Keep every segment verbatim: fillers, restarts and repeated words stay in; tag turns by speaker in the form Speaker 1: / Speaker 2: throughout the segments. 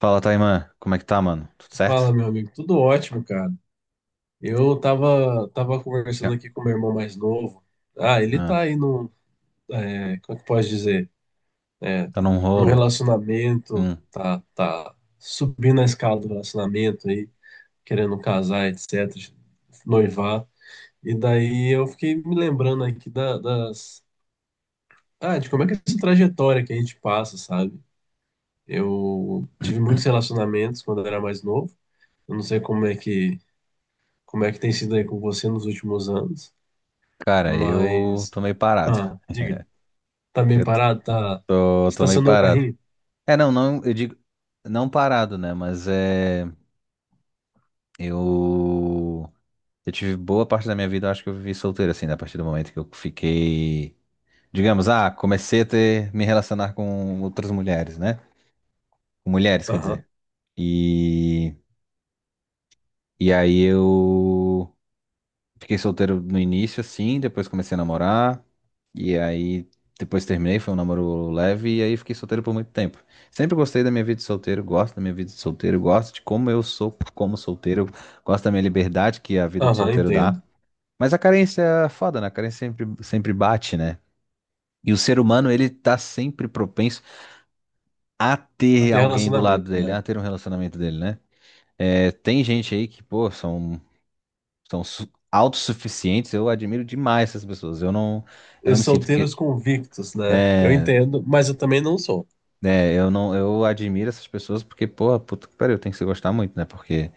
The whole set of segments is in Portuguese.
Speaker 1: Fala, Taimã. Como é que tá, mano? Tudo
Speaker 2: Fala,
Speaker 1: certo?
Speaker 2: meu amigo. Tudo ótimo, cara. Eu tava, tava
Speaker 1: Já.
Speaker 2: conversando aqui com meu irmão mais novo. Ah, ele tá
Speaker 1: Ah,
Speaker 2: aí num, é, como é que pode dizer? É,
Speaker 1: tá num
Speaker 2: no
Speaker 1: rolo?
Speaker 2: relacionamento,
Speaker 1: Hum.
Speaker 2: tá, tá subindo a escala do relacionamento aí, querendo casar, etc, noivar. E daí eu fiquei me lembrando aqui da- das, ah, de como é que é essa trajetória que a gente passa, sabe? Eu tive muitos relacionamentos quando eu era mais novo. Eu não sei como é que como é que tem sido aí com você nos últimos anos,
Speaker 1: Cara, eu tô
Speaker 2: mas.
Speaker 1: meio parado.
Speaker 2: Ah, diga. Tá meio
Speaker 1: Eu
Speaker 2: parado? Tá.
Speaker 1: tô, tô meio
Speaker 2: Estacionou o
Speaker 1: parado.
Speaker 2: carrinho?
Speaker 1: É, não, não, eu digo, não parado, né? Mas é, eu, eu tive boa parte da minha vida, eu acho que eu vivi solteiro, assim, né? A partir do momento que eu fiquei, digamos, ah, comecei a ter, me relacionar com outras mulheres, né? Com mulheres, quer
Speaker 2: Aham,
Speaker 1: dizer. E, e aí eu fiquei solteiro no início, assim, depois comecei a namorar, e aí depois terminei, foi um namoro leve, e aí fiquei solteiro por muito tempo. Sempre gostei da minha vida de solteiro, gosto da minha vida de solteiro, gosto de como eu sou como solteiro, gosto da minha liberdade que a vida de
Speaker 2: aham,
Speaker 1: solteiro dá.
Speaker 2: entendo.
Speaker 1: Mas a carência é foda, né? A carência sempre, sempre bate, né? E o ser humano, ele tá sempre propenso a ter
Speaker 2: Até
Speaker 1: alguém do lado
Speaker 2: relacionamento,
Speaker 1: dele,
Speaker 2: né?
Speaker 1: a ter um relacionamento dele, né? É, tem gente aí que, pô, são são su- autossuficientes, eu admiro demais essas pessoas. Eu não, eu
Speaker 2: E
Speaker 1: não me sinto porque
Speaker 2: solteiros convictos, né? Eu
Speaker 1: é,
Speaker 2: entendo, mas eu também não sou.
Speaker 1: é, eu não, eu admiro essas pessoas porque, porra, puta que pariu, tem que se gostar muito, né? Porque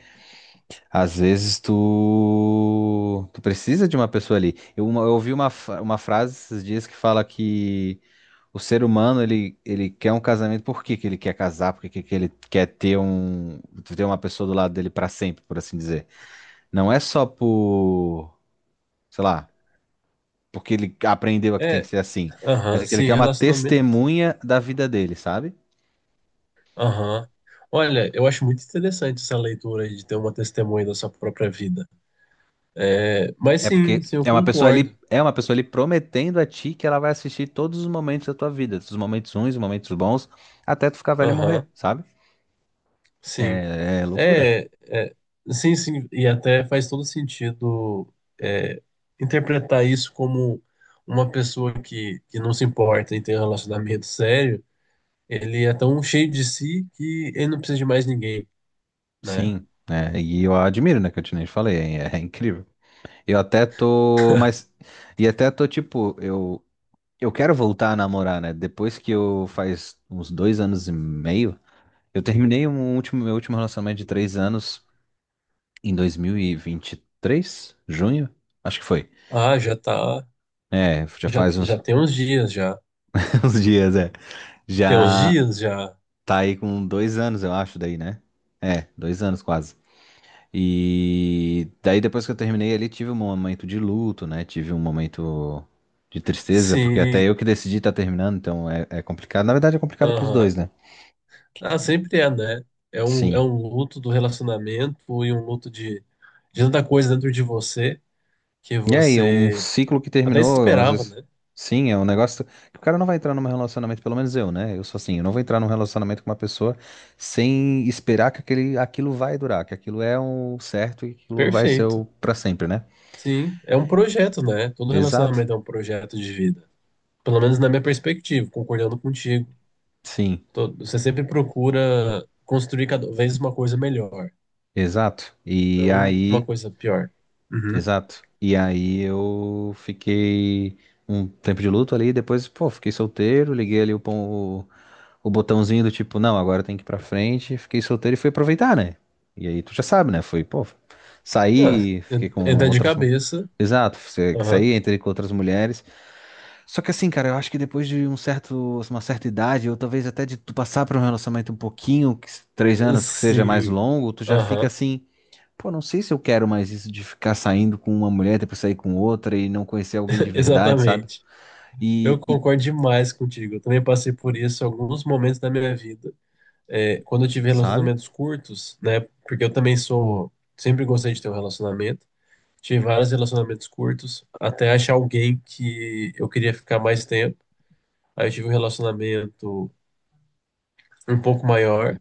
Speaker 1: às vezes tu, tu precisa de uma pessoa ali. Eu, uma- eu ouvi uma, fra- uma frase esses dias que fala que o ser humano ele, ele quer um casamento, por que que ele quer casar? Por que que que ele quer ter um ter uma pessoa do lado dele pra sempre, por assim dizer. Não é só por, sei lá, porque ele aprendeu a que tem que
Speaker 2: É,
Speaker 1: ser assim. Mas
Speaker 2: aham,
Speaker 1: aquele
Speaker 2: sim,
Speaker 1: que é uma
Speaker 2: relacionamento.
Speaker 1: testemunha da vida dele, sabe?
Speaker 2: Aham. Olha, eu acho muito interessante essa leitura aí de ter uma testemunha da sua própria vida. É, mas
Speaker 1: É
Speaker 2: sim,
Speaker 1: porque
Speaker 2: sim, eu
Speaker 1: é uma pessoa
Speaker 2: concordo.
Speaker 1: ali, é uma pessoa ali prometendo a ti que ela vai assistir todos os momentos da tua vida, os momentos ruins, os momentos bons, até tu ficar velho e morrer,
Speaker 2: Aham,
Speaker 1: sabe?
Speaker 2: sim.
Speaker 1: É, é loucura.
Speaker 2: É, é, sim, sim, e até faz todo sentido é, interpretar isso como uma pessoa que, que não se importa em ter um relacionamento sério, ele é tão cheio de si que ele não precisa de mais ninguém, né?
Speaker 1: Sim, é, e eu admiro, né, que eu te nem falei, é, é incrível. Eu até tô, mas e até tô tipo, eu eu quero voltar a namorar, né? Depois que eu faz uns dois anos e meio, eu terminei um último meu último relacionamento de três anos em dois mil e vinte e três, junho, acho que foi.
Speaker 2: Ah, já tá,
Speaker 1: É, já
Speaker 2: já,
Speaker 1: faz
Speaker 2: já
Speaker 1: uns,
Speaker 2: tem uns dias, já.
Speaker 1: uns dias, é.
Speaker 2: Tem uns
Speaker 1: Já
Speaker 2: dias, já.
Speaker 1: tá aí com dois anos, eu acho, daí, né? É, dois anos quase. E daí depois que eu terminei ali, tive um momento de luto, né? Tive um momento de tristeza, porque até
Speaker 2: Sim,
Speaker 1: eu que decidi estar terminando, então é, é complicado. Na verdade, é complicado pros
Speaker 2: aham.
Speaker 1: dois, né?
Speaker 2: Ah, sempre é, né? É um, é
Speaker 1: Sim.
Speaker 2: um luto do relacionamento e um luto de, de tanta coisa dentro de você que
Speaker 1: É, e aí, um
Speaker 2: você
Speaker 1: ciclo que
Speaker 2: até
Speaker 1: terminou, às
Speaker 2: esperava,
Speaker 1: vezes,
Speaker 2: né?
Speaker 1: sim, é um negócio que o cara não vai entrar num relacionamento, pelo menos eu, né? Eu sou assim, eu não vou entrar num relacionamento com uma pessoa sem esperar que aquele, aquilo vai durar, que aquilo é o certo e aquilo vai ser
Speaker 2: Perfeito.
Speaker 1: o pra sempre, né?
Speaker 2: Sim, é um projeto, né? Todo
Speaker 1: Exato,
Speaker 2: relacionamento é um projeto de vida. Pelo menos na minha perspectiva, concordando contigo.
Speaker 1: sim,
Speaker 2: To- Você sempre procura construir cada vez uma coisa melhor,
Speaker 1: exato. E
Speaker 2: não uma
Speaker 1: aí,
Speaker 2: coisa pior. Uhum.
Speaker 1: exato. E aí eu fiquei um tempo de luto ali, depois, pô, fiquei solteiro, liguei ali o pão, o botãozinho do tipo, não, agora tem que ir pra frente, fiquei solteiro e fui aproveitar, né? E aí tu já sabe, né? Foi, pô,
Speaker 2: Ah,
Speaker 1: saí, fiquei
Speaker 2: en-
Speaker 1: com
Speaker 2: entra de
Speaker 1: outras. mu-
Speaker 2: cabeça.
Speaker 1: Exato, você-
Speaker 2: Aham.
Speaker 1: saí, entrei com outras mulheres. Só que assim, cara, eu acho que depois de um certo, uma certa idade, ou talvez até de tu passar por um relacionamento um pouquinho, que se- três anos que seja mais
Speaker 2: Sim.
Speaker 1: longo, tu já fica
Speaker 2: Aham.
Speaker 1: assim, pô, não sei se eu quero mais isso de ficar saindo com uma mulher, depois sair com outra e não conhecer alguém de verdade, sabe?
Speaker 2: Exatamente. Eu
Speaker 1: E, e
Speaker 2: concordo demais contigo. Eu também passei por isso em alguns momentos da minha vida. É, quando eu tive
Speaker 1: sabe?
Speaker 2: relacionamentos curtos, né? Porque eu também sou. Sempre gostei de ter um relacionamento. Tive vários relacionamentos curtos, até achar alguém que eu queria ficar mais tempo. Aí eu tive um relacionamento um pouco maior,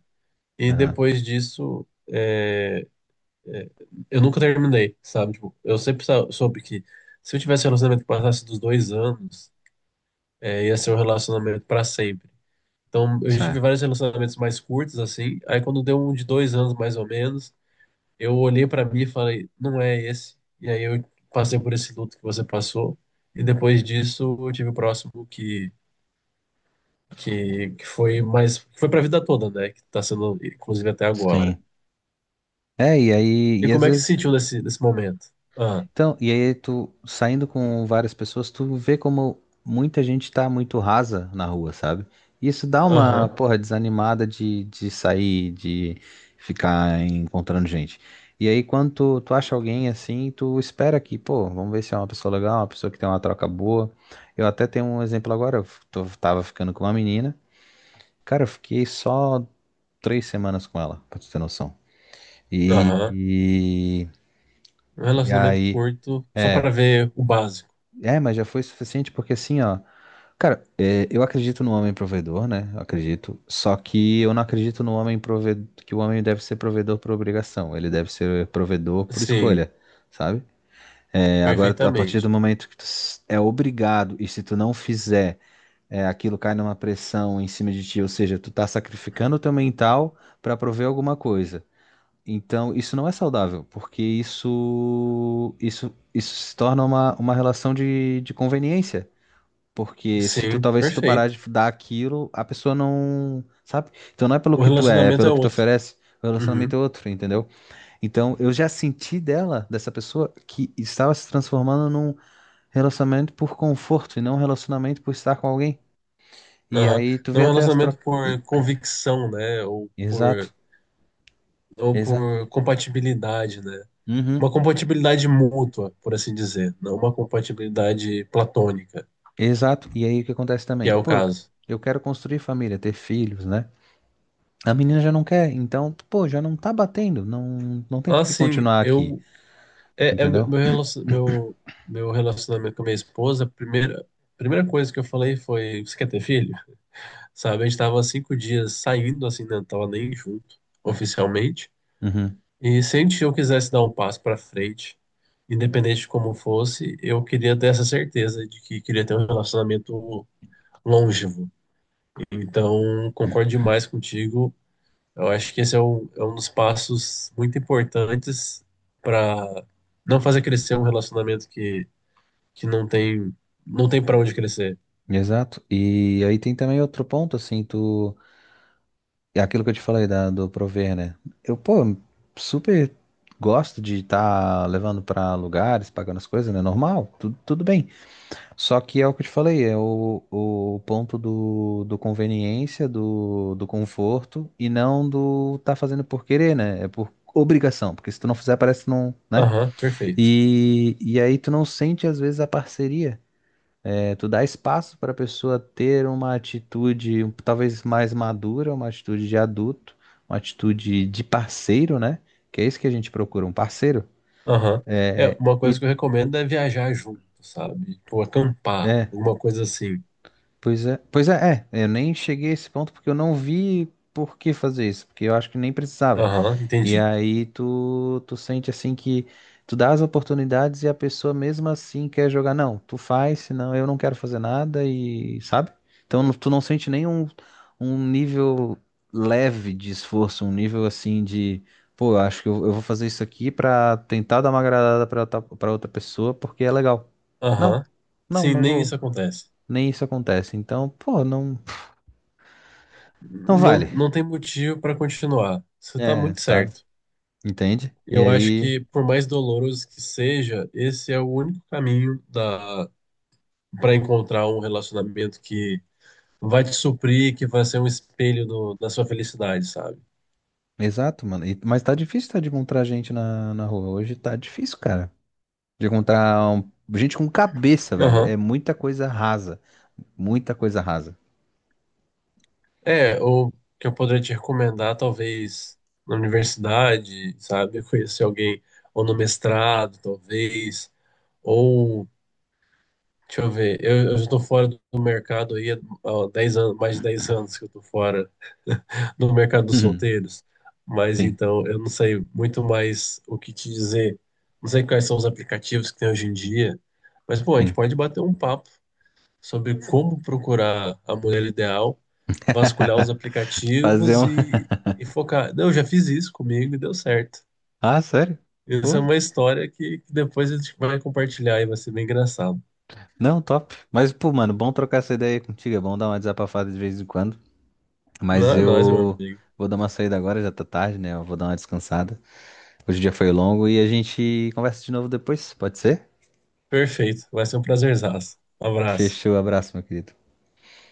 Speaker 2: e
Speaker 1: Aham,
Speaker 2: depois disso, é, eu nunca terminei, sabe? Tipo, eu sempre sa- soube que se eu tivesse um relacionamento que passasse dos dois anos, é, ia ser um relacionamento para sempre. Então, eu já tive vários relacionamentos mais curtos, assim. Aí, quando deu um de dois anos, mais ou menos, eu olhei pra mim e falei, não é esse. E aí eu passei por esse luto que você passou. E depois disso eu tive o próximo que que, que foi mais foi pra vida toda, né? Que tá sendo inclusive até agora.
Speaker 1: Sim. É, e aí,
Speaker 2: E
Speaker 1: e às
Speaker 2: como é que se
Speaker 1: vezes,
Speaker 2: sentiu nesse nesse momento? Ah,
Speaker 1: então, e aí tu saindo com várias pessoas, tu vê como muita gente tá muito rasa na rua, sabe? E isso dá uma,
Speaker 2: aham,
Speaker 1: porra, desanimada de, de, sair, de ficar encontrando gente. E aí, quando tu, tu acha alguém assim, tu espera que, pô, vamos ver se é uma pessoa legal, uma pessoa que tem uma troca boa. Eu até tenho um exemplo agora, eu f- tô- tava ficando com uma menina, cara, eu fiquei só três semanas com ela, pra tu ter noção.
Speaker 2: aham.
Speaker 1: E,
Speaker 2: Um
Speaker 1: e, e
Speaker 2: relacionamento
Speaker 1: aí.
Speaker 2: curto só
Speaker 1: É,
Speaker 2: para ver o básico.
Speaker 1: É, mas já foi suficiente porque assim, ó. Cara, é, eu acredito no homem provedor, né? Eu acredito. Só que eu não acredito no homem provedor, que o homem deve ser provedor por obrigação. Ele deve ser provedor por
Speaker 2: Sim,
Speaker 1: escolha, sabe? É, agora, a partir do
Speaker 2: perfeitamente.
Speaker 1: momento que tu s- é obrigado e se tu não fizer, é, aquilo cai numa pressão em cima de ti, ou seja, tu tá sacrificando o teu mental pra prover alguma coisa. Então, isso não é saudável, porque isso, isso, isso se torna uma, uma relação de, de conveniência. Porque se tu,
Speaker 2: Sim,
Speaker 1: talvez se tu parar
Speaker 2: perfeito.
Speaker 1: de dar aquilo, a pessoa não, sabe? Então não é pelo
Speaker 2: O
Speaker 1: que tu é, é
Speaker 2: relacionamento é
Speaker 1: pelo que tu
Speaker 2: outro.
Speaker 1: oferece. O
Speaker 2: Uhum,
Speaker 1: relacionamento é outro, entendeu? Então eu já senti dela, dessa pessoa, que estava se transformando num relacionamento por conforto e não um relacionamento por estar com alguém. E
Speaker 2: aham.
Speaker 1: aí tu
Speaker 2: Não é
Speaker 1: vê
Speaker 2: um
Speaker 1: até as
Speaker 2: relacionamento
Speaker 1: trocas.
Speaker 2: por convicção, né? Ou por
Speaker 1: Exato,
Speaker 2: ou
Speaker 1: exato.
Speaker 2: por compatibilidade, né?
Speaker 1: Uhum,
Speaker 2: Uma compatibilidade mútua, por assim dizer, não uma compatibilidade platônica,
Speaker 1: exato. E aí o que acontece
Speaker 2: que é
Speaker 1: também?
Speaker 2: o
Speaker 1: Pô, eu,
Speaker 2: caso.
Speaker 1: eu quero construir família, ter filhos, né? A menina já não quer, então, pô, já não tá batendo, não, não tem por que
Speaker 2: Assim,
Speaker 1: continuar aqui,
Speaker 2: eu é, é meu
Speaker 1: entendeu?
Speaker 2: relacion- meu meu relacionamento com a minha esposa, a primeira primeira coisa que eu falei foi, você quer ter filho? Sabe, a gente tava cinco dias saindo assim, né? Não tava nem junto oficialmente.
Speaker 1: Uhum.
Speaker 2: E se a gente- eu quisesse dar um passo para frente, independente de como fosse, eu queria ter essa certeza de que queria ter um relacionamento longevo. Então, concordo demais contigo. Eu acho que esse é, um é um dos passos muito importantes para não fazer crescer um relacionamento que, que não tem, não tem para onde crescer.
Speaker 1: Exato. E aí tem também outro ponto, assim, tu. É aquilo que eu te falei da, do prover, né? Eu, pô, super gosto de estar levando pra lugares, pagando as coisas, né? Normal, tudo, tudo bem. Só que é o que eu te falei, é o, o ponto do, do, conveniência, do, do conforto, e não do tá fazendo por querer, né? É por obrigação, porque se tu não fizer, parece que não, né?
Speaker 2: Aham, perfeito.
Speaker 1: E, e aí tu não sente, às vezes, a parceria. É, tu dá espaço para a pessoa ter uma atitude um- talvez mais madura, uma atitude de adulto, uma atitude de parceiro, né? Que é isso que a gente procura, um parceiro.
Speaker 2: Aham. É,
Speaker 1: É,
Speaker 2: uma
Speaker 1: E
Speaker 2: coisa que eu recomendo é viajar junto, sabe? Ou acampar,
Speaker 1: é,
Speaker 2: alguma coisa assim.
Speaker 1: pois é, pois é, é, eu nem cheguei a esse ponto porque eu não vi por que fazer isso, porque eu acho que nem precisava.
Speaker 2: Aham,
Speaker 1: E
Speaker 2: entendi.
Speaker 1: aí tu, tu sente assim que tu dá as oportunidades e a pessoa mesmo assim quer jogar. Não, tu faz, senão eu não quero fazer nada e sabe? Então não- tu não sente nenhum um nível leve de esforço, um nível assim de, pô, eu acho que eu, eu vou fazer isso aqui pra tentar dar uma agradada pra, outra- pra outra pessoa porque é legal. Não,
Speaker 2: Aham.
Speaker 1: não,
Speaker 2: Sim,
Speaker 1: não
Speaker 2: nem
Speaker 1: vou.
Speaker 2: isso acontece.
Speaker 1: Nem isso acontece. Então, pô, não, não
Speaker 2: Não,
Speaker 1: vale.
Speaker 2: não tem motivo para continuar. Você tá
Speaker 1: É,
Speaker 2: muito
Speaker 1: sabe?
Speaker 2: certo.
Speaker 1: Entende? E
Speaker 2: Eu acho
Speaker 1: aí.
Speaker 2: que, por mais doloroso que seja, esse é o único caminho da para encontrar um relacionamento que vai te suprir, que vai ser um espelho do- da sua felicidade, sabe?
Speaker 1: Exato, mano. E- mas tá difícil tá, de encontrar gente na, na rua. Hoje tá difícil, cara. De encontrar um- gente com cabeça, velho.
Speaker 2: Aham.
Speaker 1: É muita coisa rasa. Muita coisa rasa.
Speaker 2: É, ou que eu poderia te recomendar, talvez, na universidade, sabe? Conhecer alguém, ou no mestrado, talvez, ou, deixa eu ver, eu, eu já tô fora do mercado aí há ó, dez anos, mais de dez anos que eu tô fora no mercado dos
Speaker 1: Uhum.
Speaker 2: solteiros, mas
Speaker 1: Sim,
Speaker 2: então eu não sei muito mais o que te dizer. Não sei quais são os aplicativos que tem hoje em dia, mas pô, a gente
Speaker 1: sim.
Speaker 2: pode bater um papo sobre como procurar a mulher ideal, vasculhar os
Speaker 1: Fazer
Speaker 2: aplicativos
Speaker 1: um.
Speaker 2: e, e focar. Não, eu já fiz isso comigo e deu certo.
Speaker 1: Ah, sério?
Speaker 2: Essa é
Speaker 1: Pô,
Speaker 2: uma história que, que depois a gente vai compartilhar e vai ser bem engraçado.
Speaker 1: não, top. Mas, pô, mano, bom trocar essa ideia aí contigo. É bom dar uma desabafada de vez em quando.
Speaker 2: Não
Speaker 1: Mas
Speaker 2: é nóis, meu
Speaker 1: eu
Speaker 2: amigo.
Speaker 1: vou dar uma saída agora, já tá tarde, né? Eu vou dar uma descansada. Hoje o dia foi longo e a gente conversa de novo depois, pode ser?
Speaker 2: Perfeito. Vai ser um prazerzaço. Um abraço.
Speaker 1: Fechou, abraço, meu querido.